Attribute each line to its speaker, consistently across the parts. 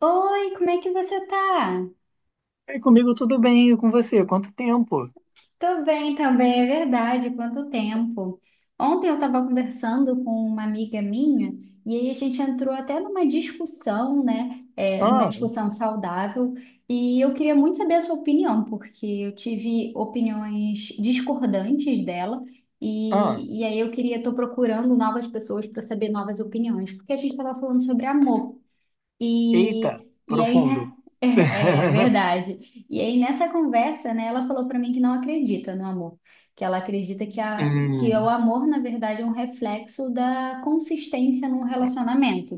Speaker 1: Oi, como é que você tá?
Speaker 2: E comigo tudo bem, e com você? Quanto tempo?
Speaker 1: Tô bem também, é verdade, quanto tempo. Ontem eu estava conversando com uma amiga minha e aí a gente entrou até numa discussão, né, numa
Speaker 2: Ah,
Speaker 1: discussão saudável, e eu queria muito saber a sua opinião, porque eu tive opiniões discordantes dela,
Speaker 2: ah,
Speaker 1: e aí eu queria, tô procurando novas pessoas para saber novas opiniões, porque a gente estava falando sobre amor.
Speaker 2: eita,
Speaker 1: E aí, né?
Speaker 2: profundo.
Speaker 1: É, é verdade. E aí, nessa conversa, né, ela falou para mim que não acredita no amor, que ela acredita que o
Speaker 2: Hum,
Speaker 1: amor, na verdade, é um reflexo da consistência num relacionamento,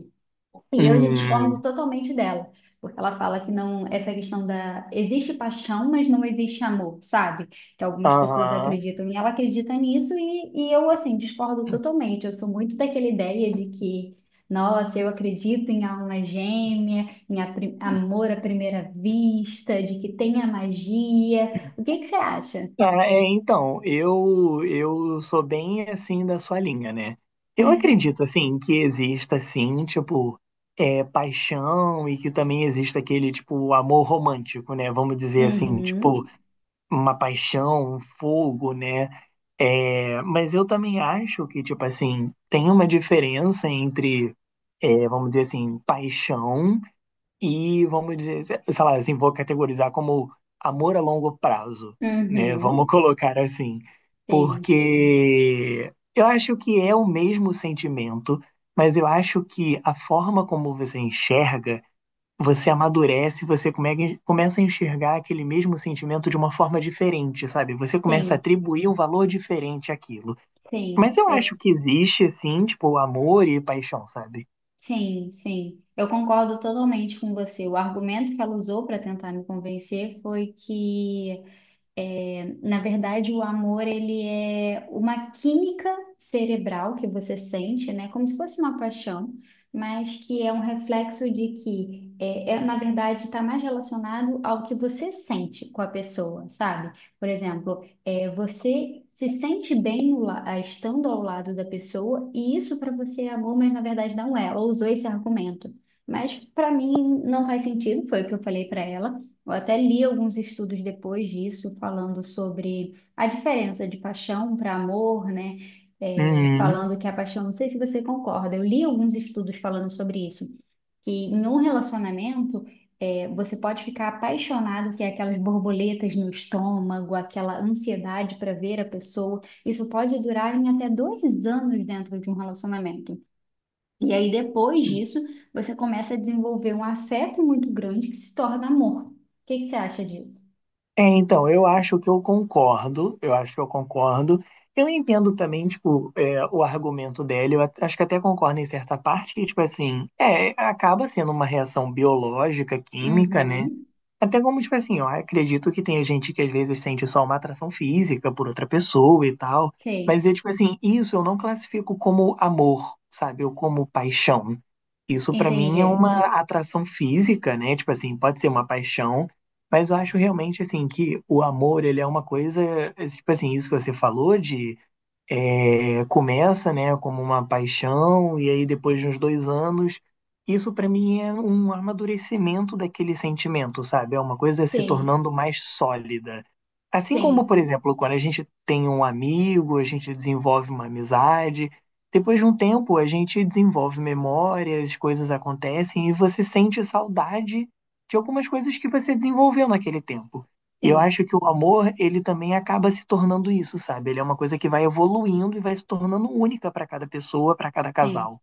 Speaker 1: e eu já discordo
Speaker 2: hum,
Speaker 1: totalmente dela, porque ela fala que não, essa questão da existe paixão, mas não existe amor, sabe? Que algumas pessoas
Speaker 2: aham.
Speaker 1: acreditam e ela acredita nisso e eu assim discordo totalmente. Eu sou muito daquela ideia de que, nossa, eu acredito em alma gêmea, em amor à primeira vista, de que tem a magia. O que que você acha?
Speaker 2: Tá, então, eu sou bem assim da sua linha, né? Eu acredito, assim, que exista, assim, tipo, paixão e que também exista aquele, tipo, amor romântico, né? Vamos dizer assim, tipo,
Speaker 1: Uhum,
Speaker 2: uma paixão, um fogo, né? É, mas eu também acho que, tipo assim, tem uma diferença entre, vamos dizer assim, paixão e, vamos dizer, sei lá, assim, vou categorizar como amor a longo prazo, né? Vamos
Speaker 1: uhum,
Speaker 2: colocar assim.
Speaker 1: sim,
Speaker 2: Porque eu acho que é o mesmo sentimento, mas eu acho que a forma como você enxerga você amadurece, você começa a enxergar aquele mesmo sentimento de uma forma diferente, sabe? Você começa a
Speaker 1: sim,
Speaker 2: atribuir um valor diferente àquilo.
Speaker 1: sim.
Speaker 2: Mas eu acho
Speaker 1: Eu
Speaker 2: que existe, sim, tipo, amor e paixão, sabe?
Speaker 1: Sim, sim. Eu concordo totalmente com você. O argumento que ela usou para tentar me convencer foi que na verdade, o amor, ele é uma química cerebral que você sente, né? Como se fosse uma paixão, mas que é um reflexo de que, na verdade, está mais relacionado ao que você sente com a pessoa, sabe? Por exemplo, você se sente bem no la- ah, estando ao lado da pessoa, e isso para você é amor, mas na verdade não é. Ela usou esse argumento. Mas para mim não faz sentido, foi o que eu falei para ela. Eu até li alguns estudos depois disso, falando sobre a diferença de paixão para amor, né? Falando
Speaker 2: Hum.
Speaker 1: que a paixão, não sei se você concorda, eu li alguns estudos falando sobre isso, que em um relacionamento, você pode ficar apaixonado, que é aquelas borboletas no estômago, aquela ansiedade para ver a pessoa, isso pode durar em até 2 anos dentro de um relacionamento. E aí, depois disso, você começa a desenvolver um afeto muito grande que se torna amor. O que que você acha disso?
Speaker 2: É, então, eu acho que eu concordo, eu acho que eu concordo. Eu entendo também, tipo, é, o argumento dela, acho que até concordo em certa parte, que, tipo assim, é, acaba sendo uma reação biológica, química, né?
Speaker 1: Uhum.
Speaker 2: Até como, tipo assim, ó, acredito que tem gente que às vezes sente só uma atração física por outra pessoa e tal,
Speaker 1: Sim,
Speaker 2: mas é tipo assim, isso eu não classifico como amor, sabe? Ou como paixão. Isso pra mim é
Speaker 1: entendi.
Speaker 2: uma atração física, né? Tipo assim, pode ser uma paixão, mas eu acho realmente assim que o amor, ele é uma coisa, tipo assim, isso que você falou de começa, né, como uma paixão, e aí depois de uns dois anos, isso para mim é um amadurecimento daquele sentimento, sabe? É uma coisa se
Speaker 1: Sim,
Speaker 2: tornando mais sólida. Assim como,
Speaker 1: sim,
Speaker 2: por exemplo, quando a gente tem um amigo, a gente desenvolve uma amizade, depois de um tempo a gente desenvolve memórias, coisas acontecem e você sente saudade de algumas coisas que você desenvolveu naquele tempo. E eu
Speaker 1: sim,
Speaker 2: acho que o amor, ele também acaba se tornando isso, sabe? Ele é uma coisa que vai evoluindo e vai se tornando única para cada pessoa, para cada
Speaker 1: sim,
Speaker 2: casal.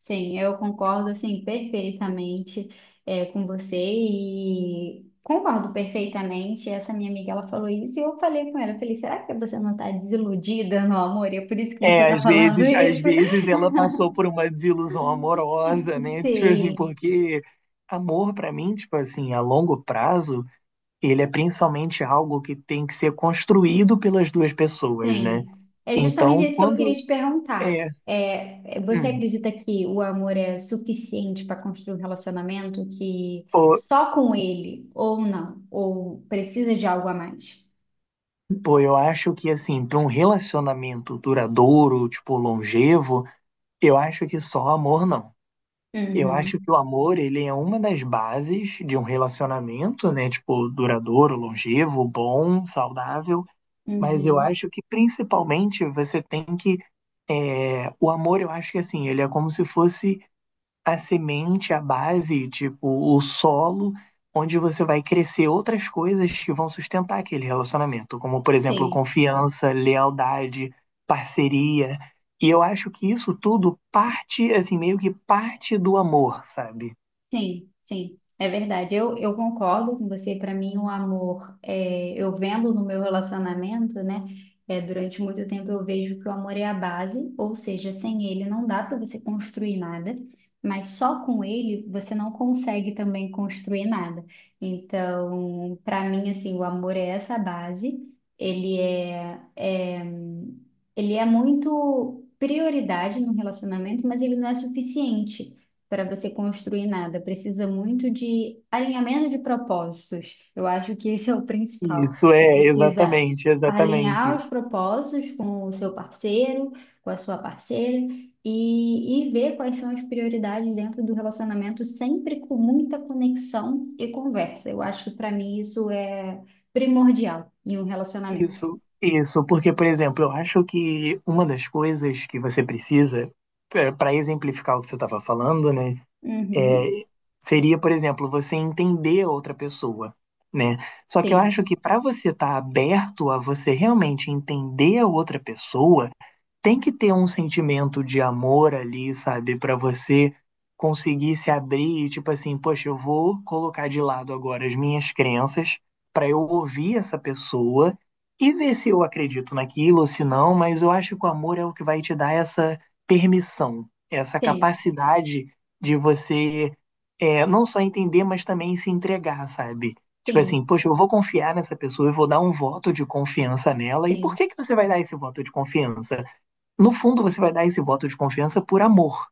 Speaker 1: sim. Eu concordo, assim, perfeitamente com você e concordo perfeitamente. Essa minha amiga, ela falou isso e eu falei com ela, eu falei, será que você não está desiludida no amor? E é por isso que você
Speaker 2: É,
Speaker 1: está falando
Speaker 2: às
Speaker 1: isso?
Speaker 2: vezes ela passou por uma desilusão amorosa, né? Tipo assim,
Speaker 1: Sim.
Speaker 2: porque amor para mim, tipo assim, a longo prazo, ele é principalmente algo que tem que ser construído pelas duas pessoas, né?
Speaker 1: Sim, é justamente
Speaker 2: Então,
Speaker 1: isso que eu queria
Speaker 2: quando
Speaker 1: te perguntar.
Speaker 2: é,
Speaker 1: Você
Speaker 2: hum,
Speaker 1: acredita que o amor é suficiente para construir um relacionamento que
Speaker 2: pô,
Speaker 1: só com ele ou não, ou precisa de algo a mais?
Speaker 2: pô, eu acho que assim, para um relacionamento duradouro, tipo longevo, eu acho que só amor não. Eu acho
Speaker 1: Uhum,
Speaker 2: que o amor, ele é uma das bases de um relacionamento, né? Tipo, duradouro, longevo, bom, saudável. Mas eu
Speaker 1: uhum,
Speaker 2: acho que principalmente você tem que. O amor, eu acho que assim, ele é como se fosse a semente, a base, tipo, o solo onde você vai crescer outras coisas que vão sustentar aquele relacionamento, como, por exemplo,
Speaker 1: sim.
Speaker 2: confiança, lealdade, parceria. E eu acho que isso tudo parte, assim, meio que parte do amor, sabe?
Speaker 1: Sim, sim, é verdade. Eu concordo com você. Para mim, o amor, eu vendo no meu relacionamento, né? Durante muito tempo eu vejo que o amor é a base, ou seja, sem ele não dá para você construir nada, mas só com ele você não consegue também construir nada. Então, para mim, assim, o amor é essa base. Ele é, é, ele é muito prioridade no relacionamento, mas ele não é suficiente para você construir nada. Precisa muito de alinhamento de propósitos. Eu acho que esse é o principal.
Speaker 2: Isso
Speaker 1: Você
Speaker 2: é,
Speaker 1: precisa
Speaker 2: exatamente,
Speaker 1: alinhar
Speaker 2: exatamente.
Speaker 1: os propósitos com o seu parceiro, com a sua parceira e ver quais são as prioridades dentro do relacionamento, sempre com muita conexão e conversa. Eu acho que para mim isso é primordial em um relacionamento.
Speaker 2: Isso, porque, por exemplo, eu acho que uma das coisas que você precisa, para exemplificar o que você estava falando, né? É,
Speaker 1: Uhum.
Speaker 2: seria, por exemplo, você entender a outra pessoa, né? Só que eu
Speaker 1: Sim,
Speaker 2: acho que para você estar aberto a você realmente entender a outra pessoa, tem que ter um sentimento de amor ali, sabe? Para você conseguir se abrir e, tipo assim, poxa, eu vou colocar de lado agora as minhas crenças para eu ouvir essa pessoa e ver se eu acredito naquilo ou se não, mas eu acho que o amor é o que vai te dar essa permissão, essa
Speaker 1: sim,
Speaker 2: capacidade de você não só entender, mas também se entregar, sabe? Tipo assim,
Speaker 1: sim,
Speaker 2: poxa, eu vou confiar nessa pessoa, eu vou dar um voto de confiança nela. E por
Speaker 1: sim,
Speaker 2: que que você vai dar esse voto de confiança? No fundo, você vai dar esse voto de confiança por amor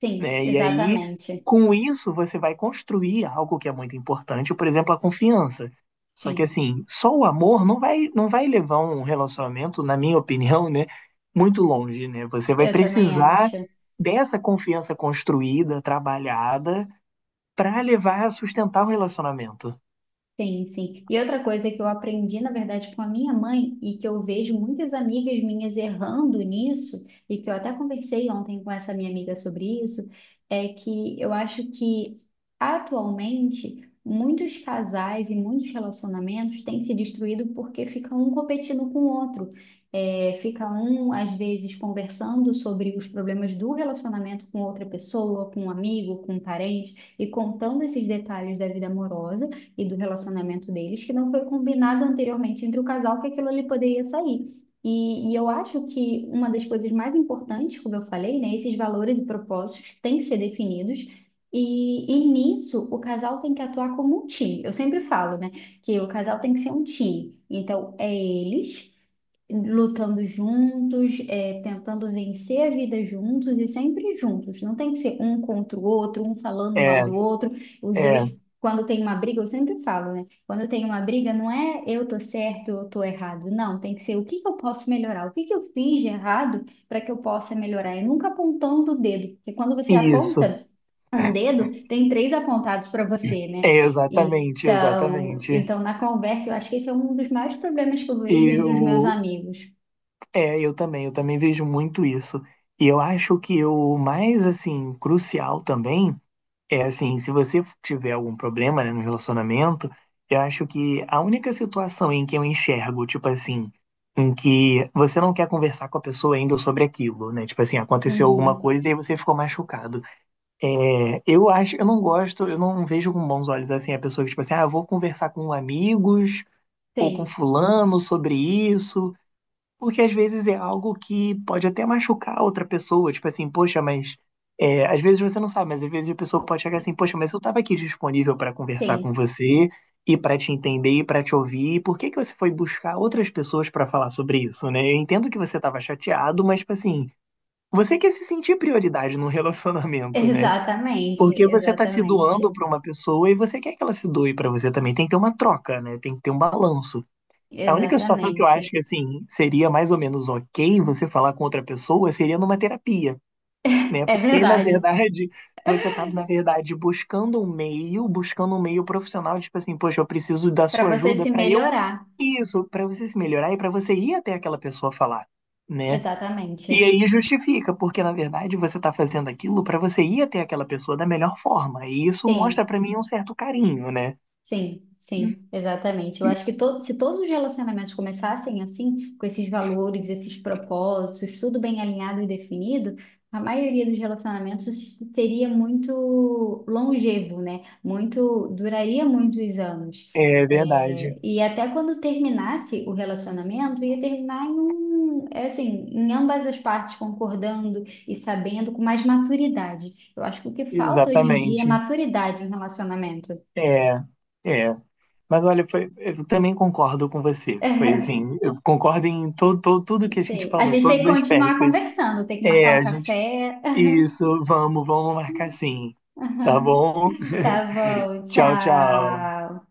Speaker 1: sim,
Speaker 2: né? E aí,
Speaker 1: exatamente.
Speaker 2: com isso, você vai construir algo que é muito importante, por exemplo, a confiança. Só que
Speaker 1: Sim,
Speaker 2: assim, só o amor não vai levar um relacionamento, na minha opinião, né, muito longe, né? Você vai
Speaker 1: eu também
Speaker 2: precisar
Speaker 1: acho.
Speaker 2: dessa confiança construída, trabalhada, para levar a sustentar o relacionamento.
Speaker 1: Sim, sim. E outra coisa que eu aprendi, na verdade, com a minha mãe, e que eu vejo muitas amigas minhas errando nisso, e que eu até conversei ontem com essa minha amiga sobre isso, é que eu acho que atualmente muitos casais e muitos relacionamentos têm se destruído porque fica um competindo com o outro. Fica um, às vezes, conversando sobre os problemas do relacionamento com outra pessoa, com um amigo, com um parente, e contando esses detalhes da vida amorosa e do relacionamento deles, que não foi combinado anteriormente entre o casal que aquilo ali poderia sair. E eu acho que uma das coisas mais importantes, como eu falei, né, esses valores e propósitos têm que ser definidos. E nisso, o casal tem que atuar como um time. Eu sempre falo, né, que o casal tem que ser um time. Então, é eles lutando juntos, tentando vencer a vida juntos e sempre juntos. Não tem que ser um contra o outro, um falando mal
Speaker 2: É,
Speaker 1: do outro, os
Speaker 2: é,
Speaker 1: dois. Quando tem uma briga, eu sempre falo, né? Quando tem uma briga, não é eu tô certo, eu tô errado. Não, tem que ser o que que eu posso melhorar, o que que eu fiz de errado para que eu possa melhorar. E nunca apontando o dedo, porque quando você
Speaker 2: isso.
Speaker 1: aponta um dedo, tem três apontados para você, né?
Speaker 2: É
Speaker 1: E
Speaker 2: exatamente,
Speaker 1: então,
Speaker 2: exatamente.
Speaker 1: então, na conversa, eu acho que esse é um dos maiores problemas que eu vejo
Speaker 2: E o,
Speaker 1: entre os meus amigos.
Speaker 2: É, eu também vejo muito isso. E eu acho que o mais, assim, crucial também assim, se você tiver algum problema, né, no relacionamento, eu acho que a única situação em que eu enxergo, tipo assim, em que você não quer conversar com a pessoa ainda sobre aquilo, né? Tipo assim, aconteceu alguma
Speaker 1: Uhum.
Speaker 2: coisa e aí você ficou machucado. É, eu acho, eu não gosto, eu não vejo com bons olhos, assim, a pessoa que, tipo assim, ah, eu vou conversar com amigos ou com
Speaker 1: Sim,
Speaker 2: fulano sobre isso. Porque às vezes é algo que pode até machucar outra pessoa, tipo assim, poxa, mas às vezes você não sabe, mas às vezes a pessoa pode chegar assim, poxa, mas eu estava aqui disponível para conversar com
Speaker 1: sim.
Speaker 2: você e para te entender e para te ouvir, e por que que você foi buscar outras pessoas para falar sobre isso, né? Eu entendo que você estava chateado, mas tipo assim, você quer se sentir prioridade num relacionamento, né?
Speaker 1: Exatamente,
Speaker 2: Porque você tá se
Speaker 1: exatamente,
Speaker 2: doando para uma pessoa e você quer que ela se doe para você também, tem que ter uma troca, né? Tem que ter um balanço. A única situação que eu acho
Speaker 1: exatamente.
Speaker 2: que assim seria mais ou menos ok você falar com outra pessoa seria numa terapia, né?
Speaker 1: É
Speaker 2: Porque na
Speaker 1: verdade.
Speaker 2: verdade você tá, na verdade, buscando um meio profissional, tipo assim, poxa, eu preciso da
Speaker 1: Para
Speaker 2: sua
Speaker 1: você
Speaker 2: ajuda
Speaker 1: se
Speaker 2: para eu
Speaker 1: melhorar.
Speaker 2: isso, para você se melhorar e para você ir até aquela pessoa falar, né? E
Speaker 1: Exatamente.
Speaker 2: aí justifica, porque na verdade você tá fazendo aquilo para você ir até aquela pessoa da melhor forma. E isso
Speaker 1: Sim.
Speaker 2: mostra para mim um certo carinho, né?
Speaker 1: Sim, sim, exatamente. Eu acho que se todos os relacionamentos começassem assim, com esses valores, esses propósitos, tudo bem alinhado e definido, a maioria dos relacionamentos teria muito longevo, né? Muito, duraria muitos anos.
Speaker 2: É verdade.
Speaker 1: É, e até quando terminasse o relacionamento, ia terminar em ambas as partes concordando e sabendo com mais maturidade. Eu acho que o que falta hoje em dia é
Speaker 2: Exatamente.
Speaker 1: maturidade em relacionamento.
Speaker 2: É, é. Mas olha, foi, eu também concordo com você. Foi assim, eu concordo em tudo que a gente
Speaker 1: Sei. A
Speaker 2: falou,
Speaker 1: gente tem
Speaker 2: todos
Speaker 1: que
Speaker 2: os
Speaker 1: continuar
Speaker 2: aspectos.
Speaker 1: conversando, tem que
Speaker 2: É,
Speaker 1: marcar um
Speaker 2: a gente.
Speaker 1: café.
Speaker 2: Isso, vamos, vamos marcar sim. Tá bom?
Speaker 1: Tá bom,
Speaker 2: Tchau, tchau.
Speaker 1: tchau.